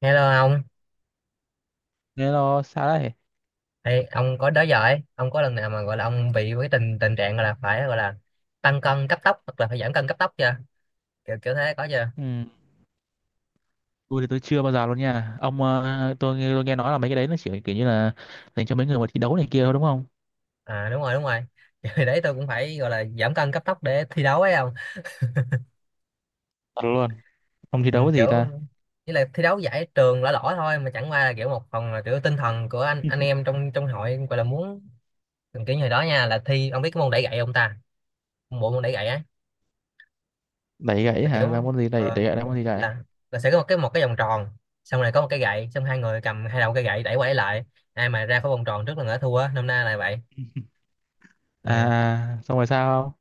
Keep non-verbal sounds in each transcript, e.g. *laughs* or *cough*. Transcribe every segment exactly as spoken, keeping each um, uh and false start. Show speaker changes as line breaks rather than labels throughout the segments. Hello ông.
Thế nó xa đấy.
Ê, ông có đó giờ ấy, ông có lần nào mà gọi là ông bị cái tình tình trạng gọi là phải gọi là tăng cân cấp tốc hoặc là phải giảm cân cấp tốc chưa? Kiểu kiểu thế có chưa?
Ừ. Tôi thì tôi chưa bao giờ luôn nha ông, ờ, tôi, nghe- tôi nghe nói là mấy cái đấy nó chỉ kiểu như là dành cho mấy người mà thi đấu này kia thôi, đúng không?
À đúng rồi đúng rồi. *laughs* Kiểu hồi đấy tôi cũng phải gọi là giảm cân cấp tốc để thi đấu ấy ông.
Thật luôn. Ông thi
Ừ,
đấu cái gì
kiểu
ta?
như là thi đấu giải trường lỏ lỏ thôi, mà chẳng qua là kiểu một phần là kiểu tinh thần của anh anh em trong trong hội gọi là muốn kiểu như hồi đó nha, là thi ông biết cái môn đẩy gậy không ta? Bộ môn đẩy gậy á,
Đẩy gãy
là
hả?
kiểu
Là môn gì? đẩy
ờ,
đẩy gãy là môn gì? Đẩy?
là là sẽ có một cái một cái vòng tròn, xong rồi có một cái gậy, xong hai người cầm hai đầu cái gậy đẩy qua đẩy lại, ai mà ra khỏi vòng tròn trước là người đó thua, năm nay là vậy. Ừ.
À à, xong rồi sao?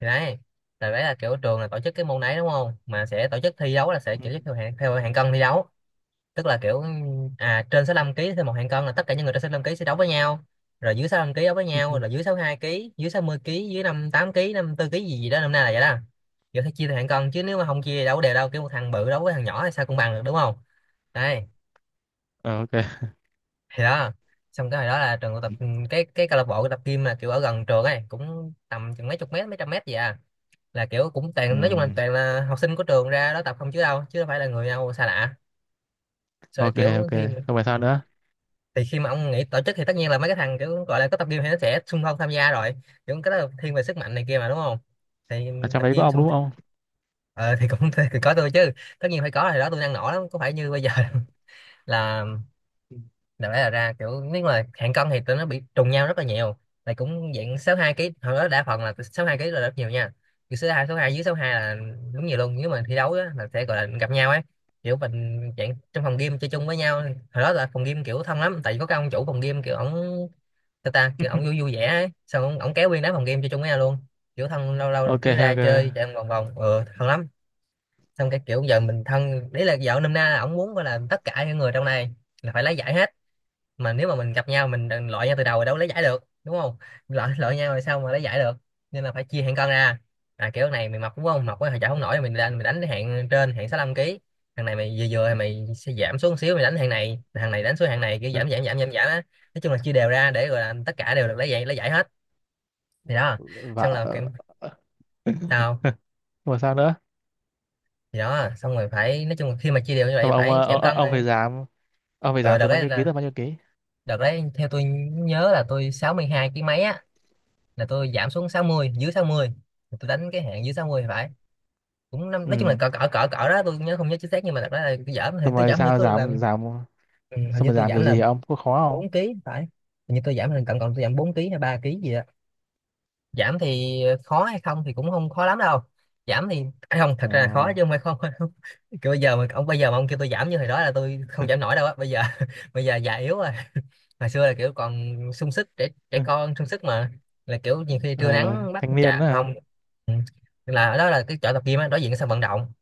Thì đấy là, đấy là kiểu trường là tổ chức cái môn đấy đúng không, mà sẽ tổ chức thi đấu là sẽ tổ chức
Không.
theo hạng, theo hạng cân thi đấu. Tức là kiểu à, trên sáu lăm ký, thêm một hạng cân là tất cả những người trên sáu lăm ký sẽ đấu với nhau, rồi dưới sáu lăm ký đấu với
Ừ.
nhau, rồi dưới
*laughs*
sáu hai ký, dưới sáu mươi ký, dưới năm mươi tám ký, năm mươi tư ký gì gì đó, năm nay là vậy đó. Giờ phải chia theo hạng cân chứ, nếu mà không chia thì đâu có đều đâu, kiểu một thằng bự đấu với thằng nhỏ thì sao cũng bằng được đúng không. Đây,
Ờ, ok.
thì đó. Xong cái hồi đó là trường tập, ừ, cái cái câu lạc bộ tập gym là kiểu ở gần trường ấy, cũng tầm chừng mấy chục mét, mấy trăm mét gì à. Là kiểu cũng
Ừ.
toàn, nói chung là toàn là học sinh của trường ra đó tập không, chứ đâu, chứ đâu phải là người nào xa lạ. Rồi
Ok,
kiểu
ok.
thi,
Không phải sao nữa?
thì khi mà ông nghĩ tổ chức thì tất nhiên là mấy cái thằng kiểu gọi là có tập gym thì nó sẽ xung phong tham gia rồi, kiểu cái đó là thiên về sức mạnh này kia mà đúng không. Thì
Ở trong
tập
đấy có
gym
ông
xong,
đúng không?
ờ, thì cũng *laughs* thì có tôi chứ, tất nhiên phải có. Thì đó, tôi năng nổ lắm, có phải như bây giờ. *laughs* Là
Ừ.
đại loại là ra kiểu, nếu mà hạng cân thì tụi nó bị trùng nhau rất là nhiều, là cũng dạng sáu hai ký, hồi đó đa phần là sáu hai ký là rất nhiều nha. Kiểu số hai, số hai dưới sáu hai là đúng nhiều luôn, nếu mà thi đấu á là sẽ gọi là gặp nhau ấy. Kiểu mình dạng trong phòng game chơi chung với nhau, hồi đó là phòng game kiểu thân lắm, tại vì có cái ông chủ phòng game kiểu ổng, ta ta kiểu ổng
*laughs*
vui vui vẻ ấy, xong ổng, ổng kéo nguyên đám phòng game chơi chung với nhau luôn, kiểu thân, lâu lâu
Ok,
cứ ra
ok.
chơi chạy vòng vòng, ừ, thân lắm. Xong cái kiểu giờ mình thân đấy là vợ, nôm na là ổng muốn gọi là tất cả những người trong này là phải lấy giải hết, mà nếu mà mình gặp nhau mình đừng loại nhau từ đầu rồi, đâu có lấy giải được đúng không, loại loại nhau rồi sao mà lấy giải được. Nên là phải chia hạng cân ra. À kiểu này mày mập đúng không, mập quá thì chả không nổi, mình đánh, mình đánh cái hạng trên, hạng sáu lăm ký. Thằng này mày vừa vừa thì mày sẽ giảm xuống một xíu, mày đánh hạng này, thằng này đánh xuống hạng này, kiểu giảm giảm giảm giảm giảm á. Nói chung là chia đều ra để gọi là tất cả đều được lấy giải, lấy giải hết. Thì đó,
Và
xong là kiểu tao,
rồi sao nữa?
thì đó, xong rồi phải, nói chung là khi mà chia đều như
Xong
vậy
rồi ông
phải
ờ,
giảm
ông,
cân.
ông phải giảm, ông phải
Ờ
giảm
đợt
từ bao
đấy
nhiêu ký
là,
tới bao nhiêu ký?
đợt đấy theo tôi nhớ là tôi sáu mươi hai kg mấy á, là tôi giảm xuống sáu mươi, dưới sáu mươi, tôi đánh cái hạn dưới sáu mươi phải, cũng năm,
Ừ.
nói chung là cỡ cỡ cỡ cỡ đó, tôi nhớ không nhớ chính xác, nhưng mà thật ra là tôi giảm thì
Xong
tôi
rồi
giảm, hình như
sao
tôi
giảm
làm,
giảm
ừ, hình
Sao
như
mà
tôi
làm
giảm
kiểu
là
gì hả ông? Có khó không?
bốn ký phải. Hình như tôi giảm là cộng, cộng tôi giảm bốn ký hay ba ký gì đó. Giảm thì khó hay không thì cũng không khó lắm đâu. Giảm thì à, không, thật ra là khó chứ không phải không. *laughs* Kiểu bây giờ mà ông, bây giờ mà ông kêu tôi giảm như hồi đó là tôi không
Ờ.
giảm nổi đâu á, bây giờ *laughs* bây giờ già yếu rồi, hồi xưa là kiểu còn sung sức, trẻ trẻ con
*laughs*
sung sức mà, là kiểu nhiều khi trưa
Ờ,
nắng bắt
thanh niên
chà
đó hả?
không. Ừ. Tức là ở đó là cái chỗ tập gym á, đối diện cái sân vận động,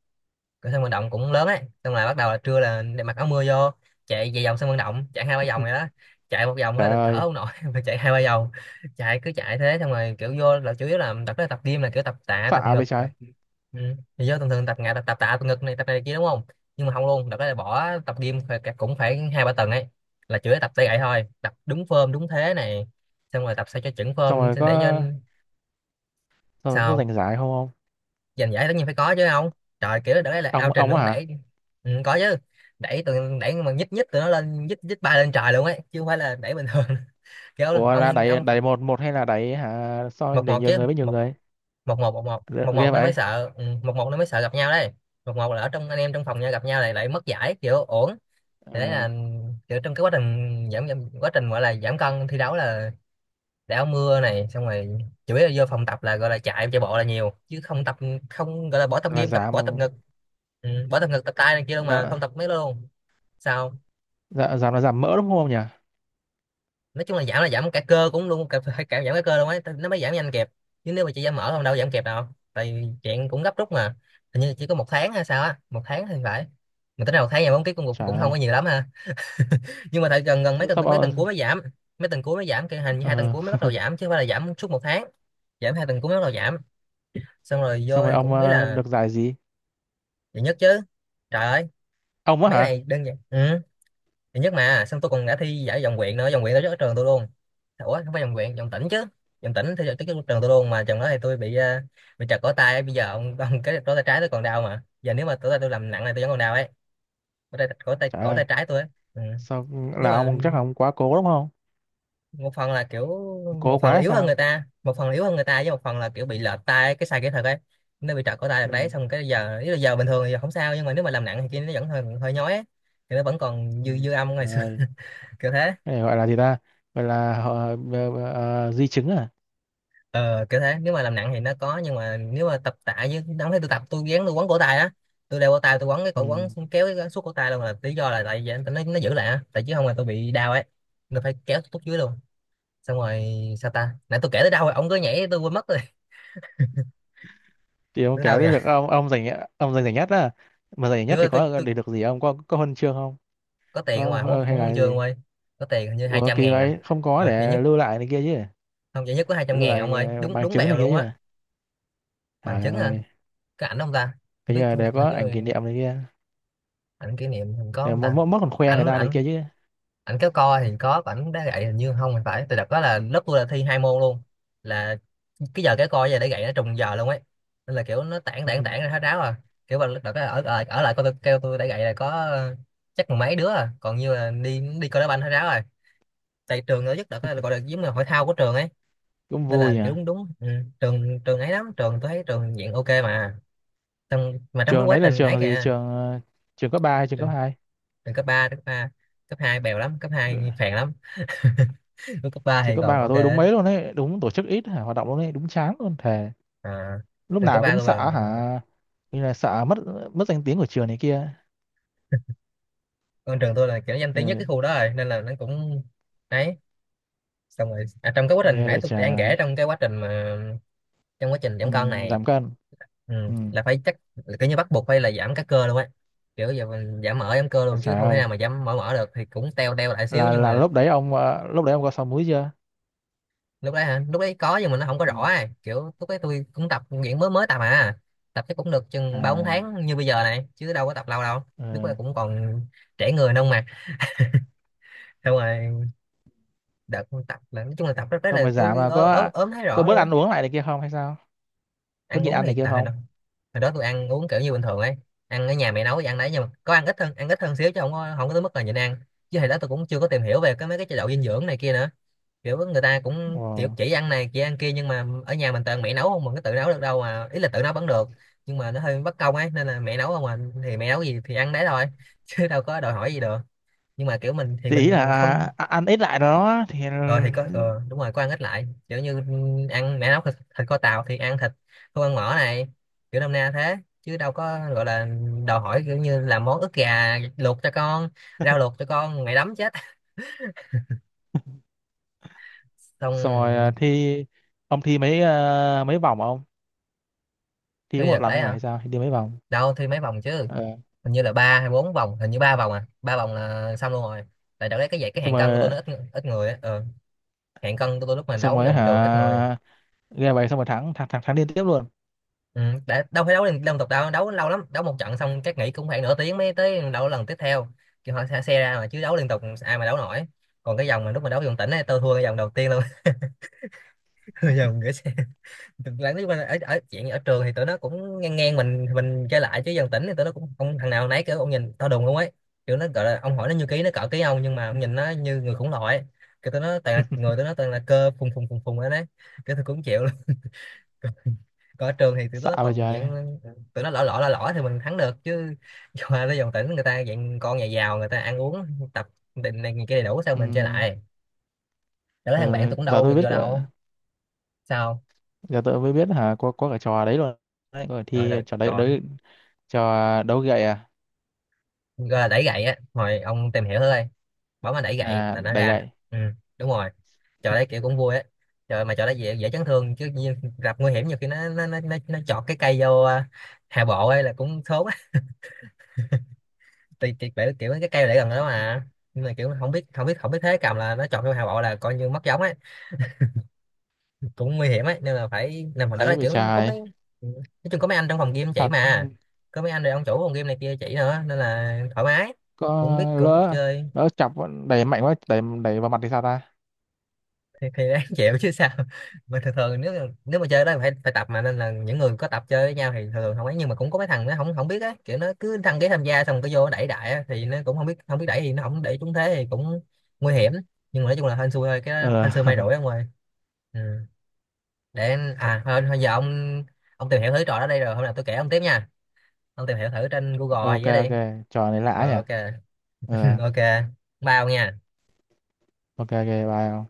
cái sân vận động cũng lớn ấy, xong là bắt đầu là trưa là để mặc áo mưa vô, chạy về vòng sân vận động, chạy hai ba vòng này
*laughs*
đó, chạy một vòng
Trời
á là thở
ơi,
không nổi, *laughs* mà chạy hai ba vòng, chạy cứ chạy thế. Xong rồi kiểu vô là chủ yếu là tập đó, tập gym là kiểu tập tạ, tập
phạ
ngực,
vậy
tập,
trái.
ừ. Thì vô thường thường tập ngã tập, tập tạ, tập ngực này, tập này kia đúng không, nhưng mà không luôn, đợt đó là bỏ tập gym phải- cũng phải hai ba tuần ấy, là chủ yếu tập tay gậy thôi, tập đúng form đúng thế này, xong rồi tập sao cho chuẩn
Xong rồi
form để cho,
có xong rồi có
sao?
giành giải không, ông?
Giành giải tất nhiên phải có chứ không. Trời, kiểu đó là ao
Ông
trình
ông á
luôn
hả?
đẩy, ừ, có chứ. Đẩy từ, đẩy mà nhích nhích tụi nó lên, nhích nhích bay lên trời luôn ấy, chứ không phải là đẩy bình thường. *laughs* Kiểu
Ủa là
ông
đẩy
ông
đẩy một một hay là đẩy hả, so
một
để
một
nhiều
chứ,
người với nhiều
một,
người?
một một một một
L-
một một
Ghê
nó mới
vậy.
sợ, ừ, một một nó mới sợ gặp nhau đấy. Một một là ở trong anh em trong phòng nhau gặp nhau, lại lại mất giải kiểu uổng. Thì đấy
Ờ.
là kiểu trong cái quá trình giảm, giảm, quá trình gọi là giảm cân thi đấu là để áo mưa này, xong rồi chủ yếu là vô phòng tập là gọi là chạy, chạy bộ là nhiều chứ không tập, không gọi là bỏ tập
Là
gym tập, bỏ tập
giảm.
ngực, ừ, bỏ tập ngực, tập tay này kia đâu, mà
Dạ,
không tập mấy đó luôn. Sao?
dạ, giảm là giảm mỡ đúng không nhỉ?
Nói chung là giảm là giảm cả cơ cũng luôn cả, phải cả giảm cả cơ luôn ấy, nó mới giảm nhanh kịp, chứ nếu mà chị giảm mỡ không, đâu giảm kịp đâu, tại vì chuyện cũng gấp rút mà. Hình như chỉ có một tháng hay sao á, một tháng thì phải, mà tính ra một tháng giảm bốn ký cũng cũng
Trời
cũng không
ơi.
có nhiều lắm ha, nhưng mà tại gần, gần mấy tuần,
Xong
mấy
rồi,
tuần cuối mới giảm, mấy tuần cuối mới giảm kia, hình như hai tuần
ờ,
cuối mới bắt đầu giảm, chứ không phải là giảm suốt một tháng, giảm hai tuần cuối mới bắt đầu giảm. Xong rồi
xong
vô
rồi
thì
ông
cũng ý
ờ,
là,
được giải gì?
giải nhất chứ, trời ơi,
Ông á
mấy cái
hả?
này đơn giản. Ừ, giải nhất mà, xong tôi còn đã thi giải vòng huyện nữa, vòng huyện tổ chức ở trường tôi luôn, ủa không phải vòng huyện, vòng tỉnh chứ, vòng tỉnh thi tổ chức ở trường tôi luôn, mà trường đó thì tôi bị ờ, bị trật cổ tay, bây giờ ông, ông cái cổ tay trái tôi còn đau mà, giờ nếu mà cổ tay tôi làm nặng này tôi vẫn còn đau ấy, cổ tay, cổ tay
Trời
cổ tay
ơi.
trái tôi ấy. Ừ.
Sao?
Nếu
Là
mà
ông chắc là ông quá cố đúng không?
một phần là kiểu,
Cố
một
quá
phần là
hay
yếu hơn
sao?
người ta, một phần là yếu hơn người ta với một phần là kiểu bị lệch tai cái sai kỹ thuật ấy, nó bị trật cổ tay
Ừ.
được đấy. Xong cái giờ ý là giờ bình thường thì giờ không sao, nhưng mà nếu mà làm nặng thì kia nó vẫn hơi hơi nhói ấy. Thì nó vẫn còn
Ừ.
dư dư âm ngày
Trời
xưa.
ơi.
*laughs* Kiểu thế.
Cái này gọi là gì ta, gọi là họ ờ, ờ, ờ, di chứng à?
ờ Kiểu thế, nếu mà làm nặng thì nó có, nhưng mà nếu mà tập tạ như đóng thấy tôi tập, tôi gắng tôi quấn cổ tay á. Tôi đeo cổ tay, tôi quấn cái
Ừ.
cổ quấn xong kéo cái suốt cổ tay luôn, là lý do là tại vì nó nó giữ lại á, tại chứ không là tôi bị đau ấy. Tôi phải kéo tôi tút dưới luôn. Xong rồi, sao ta, nãy tôi kể tới đâu rồi, ông cứ nhảy tôi quên mất rồi.
Thì
*laughs*
ông
Tới
kể
đâu
tới
nhỉ?
việc ông ông giành, ông giành giải nhất á. Mà giành giải nhất
Đứa
thì
tôi,
có
tôi
để được gì, ông có có huân chương không?
có tiền không
Có
à, không có,
ờ, hay
không có huân
là
chương
gì?
ông ơi. Có tiền hình như hai
Ủa
trăm
kỳ
ngàn à.
vậy, không có
Ờ, vậy nhất,
để lưu lại này kia chứ?
không, vậy nhất có hai trăm
Lưu
ngàn à, ông
lại
ơi.
ờ,
Đúng
bằng
đúng
chứng
bèo
này kia
luôn á.
chứ?
Bằng
Trời
chứng hả?
ơi.
Cái ảnh ông ta? Không
Cái như
biết,
là
thôi,
để
hình
có
như
ảnh kỷ niệm này kia.
ảnh kỷ niệm mình có
Để
không
mất
ta?
mất còn khoe người
Ảnh,
ta này
ảnh,
kia chứ.
Ảnh kéo co thì có, còn ảnh đá gậy hình như không thì phải. Từ đợt đó là lớp tôi là thi hai môn luôn. Là cái giờ kéo co với giờ đá gậy nó trùng giờ luôn ấy. Nên là kiểu nó tản tản tản ra
*laughs*
hết ráo à. Kiểu mà đợt đó ở, ở, ở lại coi, tôi kêu tôi đá gậy là có ờ, chắc mười mấy đứa à. Còn như là đi đi coi đá banh hết ráo rồi, tại trường nó rất đợt là cái gọi là giống là hội thao của trường ấy.
Cũng
Nên
vui
là
nhỉ.
kiểu đúng đúng ừ. trường trường ấy lắm, trường tôi thấy trường diện ok mà, trong mà trong cái
Trường
quá
đấy là
trình ấy
trường gì?
kìa.
trường ờ, trường cấp ba hay trường cấp
trường,
hai?
Trường cấp ba cấp ba. Cấp hai bèo lắm, cấp hai phèn lắm. *laughs* Lúc cấp ba
Trường
thì
cấp
còn
ba của
ok
tôi đúng
á.
mấy luôn đấy, đúng tổ chức ít hả? Hoạt động luôn đấy đúng chán luôn thề.
à,
Lúc
Trường cấp
nào
ba
cũng
tôi là
sợ hả? Như là sợ mất mất danh tiếng của trường này kia.
con trường tôi là kiểu danh tiếng nhất cái
Ừ,
khu đó rồi, nên là nó cũng đấy. Xong rồi, à, trong cái quá trình
ghê
nãy
vậy
tôi đang
trời.
kể, trong cái quá trình mà trong quá trình
Ừ,
giảm cân này,
giảm cân.
ừ,
Ừ.
là phải chắc là kiểu như bắt buộc phải là giảm các cơ luôn ấy. Kiểu giờ mình giảm mỡ giảm cơ
Vậy
luôn chứ
trời
không thể
ơi.
nào mà giảm mỡ mỡ được, thì cũng teo teo lại xíu
là
nhưng
là
mà
lúc đấy ông ờ, lúc đấy ông có sáu múi chưa?
lúc đấy hả, lúc đấy có nhưng mà nó không có rõ
Ừ.
ấy. Kiểu lúc đấy tôi cũng tập luyện mới mới tập à. Tập chắc cũng được chừng ba bốn
À.
tháng như bây giờ này, chứ đâu có tập lâu đâu. Lúc đấy
Ừ.
cũng còn trẻ người nông mà. Xong rồi, đợt tập là nói chung là tập rất đấy,
Xong
là
rồi giảm
tôi
là
ớ, ớ,
có
ốm thấy
có
rõ
bớt
luôn á.
ăn uống lại này kia không hay sao? Có
Ăn
nhịn
uống
ăn này
thì
kia
tại hồi đó,
không?
hồi đó tôi ăn uống kiểu như bình thường ấy. Ăn ở nhà mẹ nấu thì ăn đấy, nhưng mà có ăn ít hơn, ăn ít hơn xíu, chứ không có không có tới mức là nhịn ăn. Chứ hồi đó tôi cũng chưa có tìm hiểu về cái mấy cái chế độ dinh dưỡng này kia nữa. Kiểu người ta cũng
Ồ.
kiểu chỉ ăn này chỉ ăn kia, nhưng mà ở nhà mình toàn mẹ nấu không, mình có tự nấu được đâu, mà ý là tự nấu vẫn được, nhưng mà nó hơi bất công ấy, nên là mẹ nấu không à. Thì mẹ nấu gì thì ăn đấy thôi, *laughs* chứ đâu có đòi hỏi gì được. Nhưng mà kiểu mình thì
Thì ý là
mình không.
à, à, ăn ít lại đó thì.
ờ thì có ờ, đúng rồi, có ăn ít lại, kiểu như ăn mẹ nấu thịt, thịt kho tàu thì ăn thịt, không ăn mỡ này, kiểu năm na thế, chứ đâu có gọi là đòi hỏi kiểu như làm món ức gà luộc cho con, rau luộc
*laughs*
cho con mày đấm chết. *laughs* Xong
Xong rồi à, thi. Ông thi mấy ờ, mấy vòng không? Thi có
thi
một
đợt
lần
đấy
thôi hả
hả,
hay sao? Thi đi mấy vòng?
đâu thi mấy vòng chứ,
Ờ.
hình như là ba hay bốn vòng, hình như ba vòng à, ba vòng là xong luôn rồi. Tại đợt đấy cái vậy cái
Xong
hạng cân của tôi
rồi.
nó ít, ít người á. Ờ, hạng cân của tôi lúc mà
Xong
đấu
rồi
vòng trường ít người.
hả? Game vậy xong rồi thắng thắng thắng, thắng liên tiếp luôn?
Ừ, để, đâu phải đấu liên, liên tục đâu, đấu lâu lắm, đấu một trận xong các nghỉ cũng khoảng nửa tiếng mới tới đấu lần tiếp theo. Kiểu họ xe, xe ra mà, chứ đấu liên tục ai mà đấu nổi. Còn cái vòng mà lúc mà đấu vòng tỉnh ấy, tôi thua cái vòng đầu tiên luôn. *laughs* Vòng gửi xe. Lần thứ ở, ở chuyện ở trường thì tụi nó cũng ngang ngang mình mình chơi lại, chứ vòng tỉnh thì tụi nó cũng không, thằng nào nấy kiểu ông nhìn tao đùng không ấy. Kiểu nó gọi là ông hỏi nó như ký, nó cỡ ký ông, nhưng mà ông nhìn nó như người khủng loại. Cái tụi nó toàn là người, tụi nó toàn là cơ phùng phùng phùng phùng ấy đấy. Cái tôi cũng chịu. *laughs* Còn ở trường thì tụi
Xạ
nó
vậy
còn
trời.
dạng tụi nó lỏ lỏ lỏ lỏ thì mình thắng được chứ. *laughs* Qua tới dòng tỉnh người ta dạng con nhà giàu, người ta ăn uống, tập, định này kia đầy đủ, sao
Ừ.
mình chơi lại. Đó là thằng bạn
ờ,
tôi cũng
Giờ
đâu
tôi
được
biết
vô
cỡ-
đâu. Sao
giờ tôi mới biết hả, có có cả trò đấy luôn. Đấy có cả
trời
thi
ơi,
trò đấy
trò
đấy. Trò? Đấu gậy à?
gọi là đẩy gậy á, hồi ông tìm hiểu thôi, bỏ mà đẩy gậy
À,
là nó
đẩy
ra,
gậy.
ừ đúng rồi. Trò đấy kiểu cũng vui á. Trời, mà trò đấy dễ, dễ chấn thương chứ như gặp nguy hiểm, nhiều khi nó nó nó nó, nó chọt cái cây vô à, hạ bộ ấy là cũng thốn. Thì kiểu kiểu kiểu cái cây để gần đó mà, nhưng mà kiểu không biết không biết không biết thế cầm, là nó chọn cái hào bộ là coi như mất giống ấy, cũng nguy hiểm ấy, nên là phải làm phòng đất,
Ấy
là
bị
kiểu có
trời.
mấy nói chung có mấy anh trong phòng game chỉ
Thật.
mà, có mấy anh này ông chủ phòng game này kia chỉ nữa, nên là thoải mái,
Có.
cũng biết cũng biết
lỡ
chơi.
lỡ chọc, đẩy mạnh quá, đẩy đẩy vào mặt thì sao ta?
Thì, thì đáng *laughs* chịu chứ sao. Mà thường thường nếu, nếu mà chơi đó thì phải phải tập mà, nên là những người có tập chơi với nhau thì thường thường không ấy, nhưng mà cũng có mấy thằng nó không, không biết á, kiểu nó cứ đăng ký tham gia xong cái vô nó đẩy đại á, thì nó cũng không biết, không biết đẩy, thì nó không đẩy trúng thế thì cũng nguy hiểm. Nhưng mà nói chung là hên xui thôi, cái đó
Ờ.
hên xui may rủi
*laughs*
ông ơi. Ừ. Để à thôi, thôi giờ ông ông tìm hiểu thử trò đó đây, rồi hôm nào tôi kể ông tiếp nha. Ông tìm hiểu thử trên Google
Ok,
gì đó đi.
ok. Trò này lạ
Rồi
nhỉ.
ok.
Ờ.
*laughs* Ok, bao nha.
Ok, ok, bye.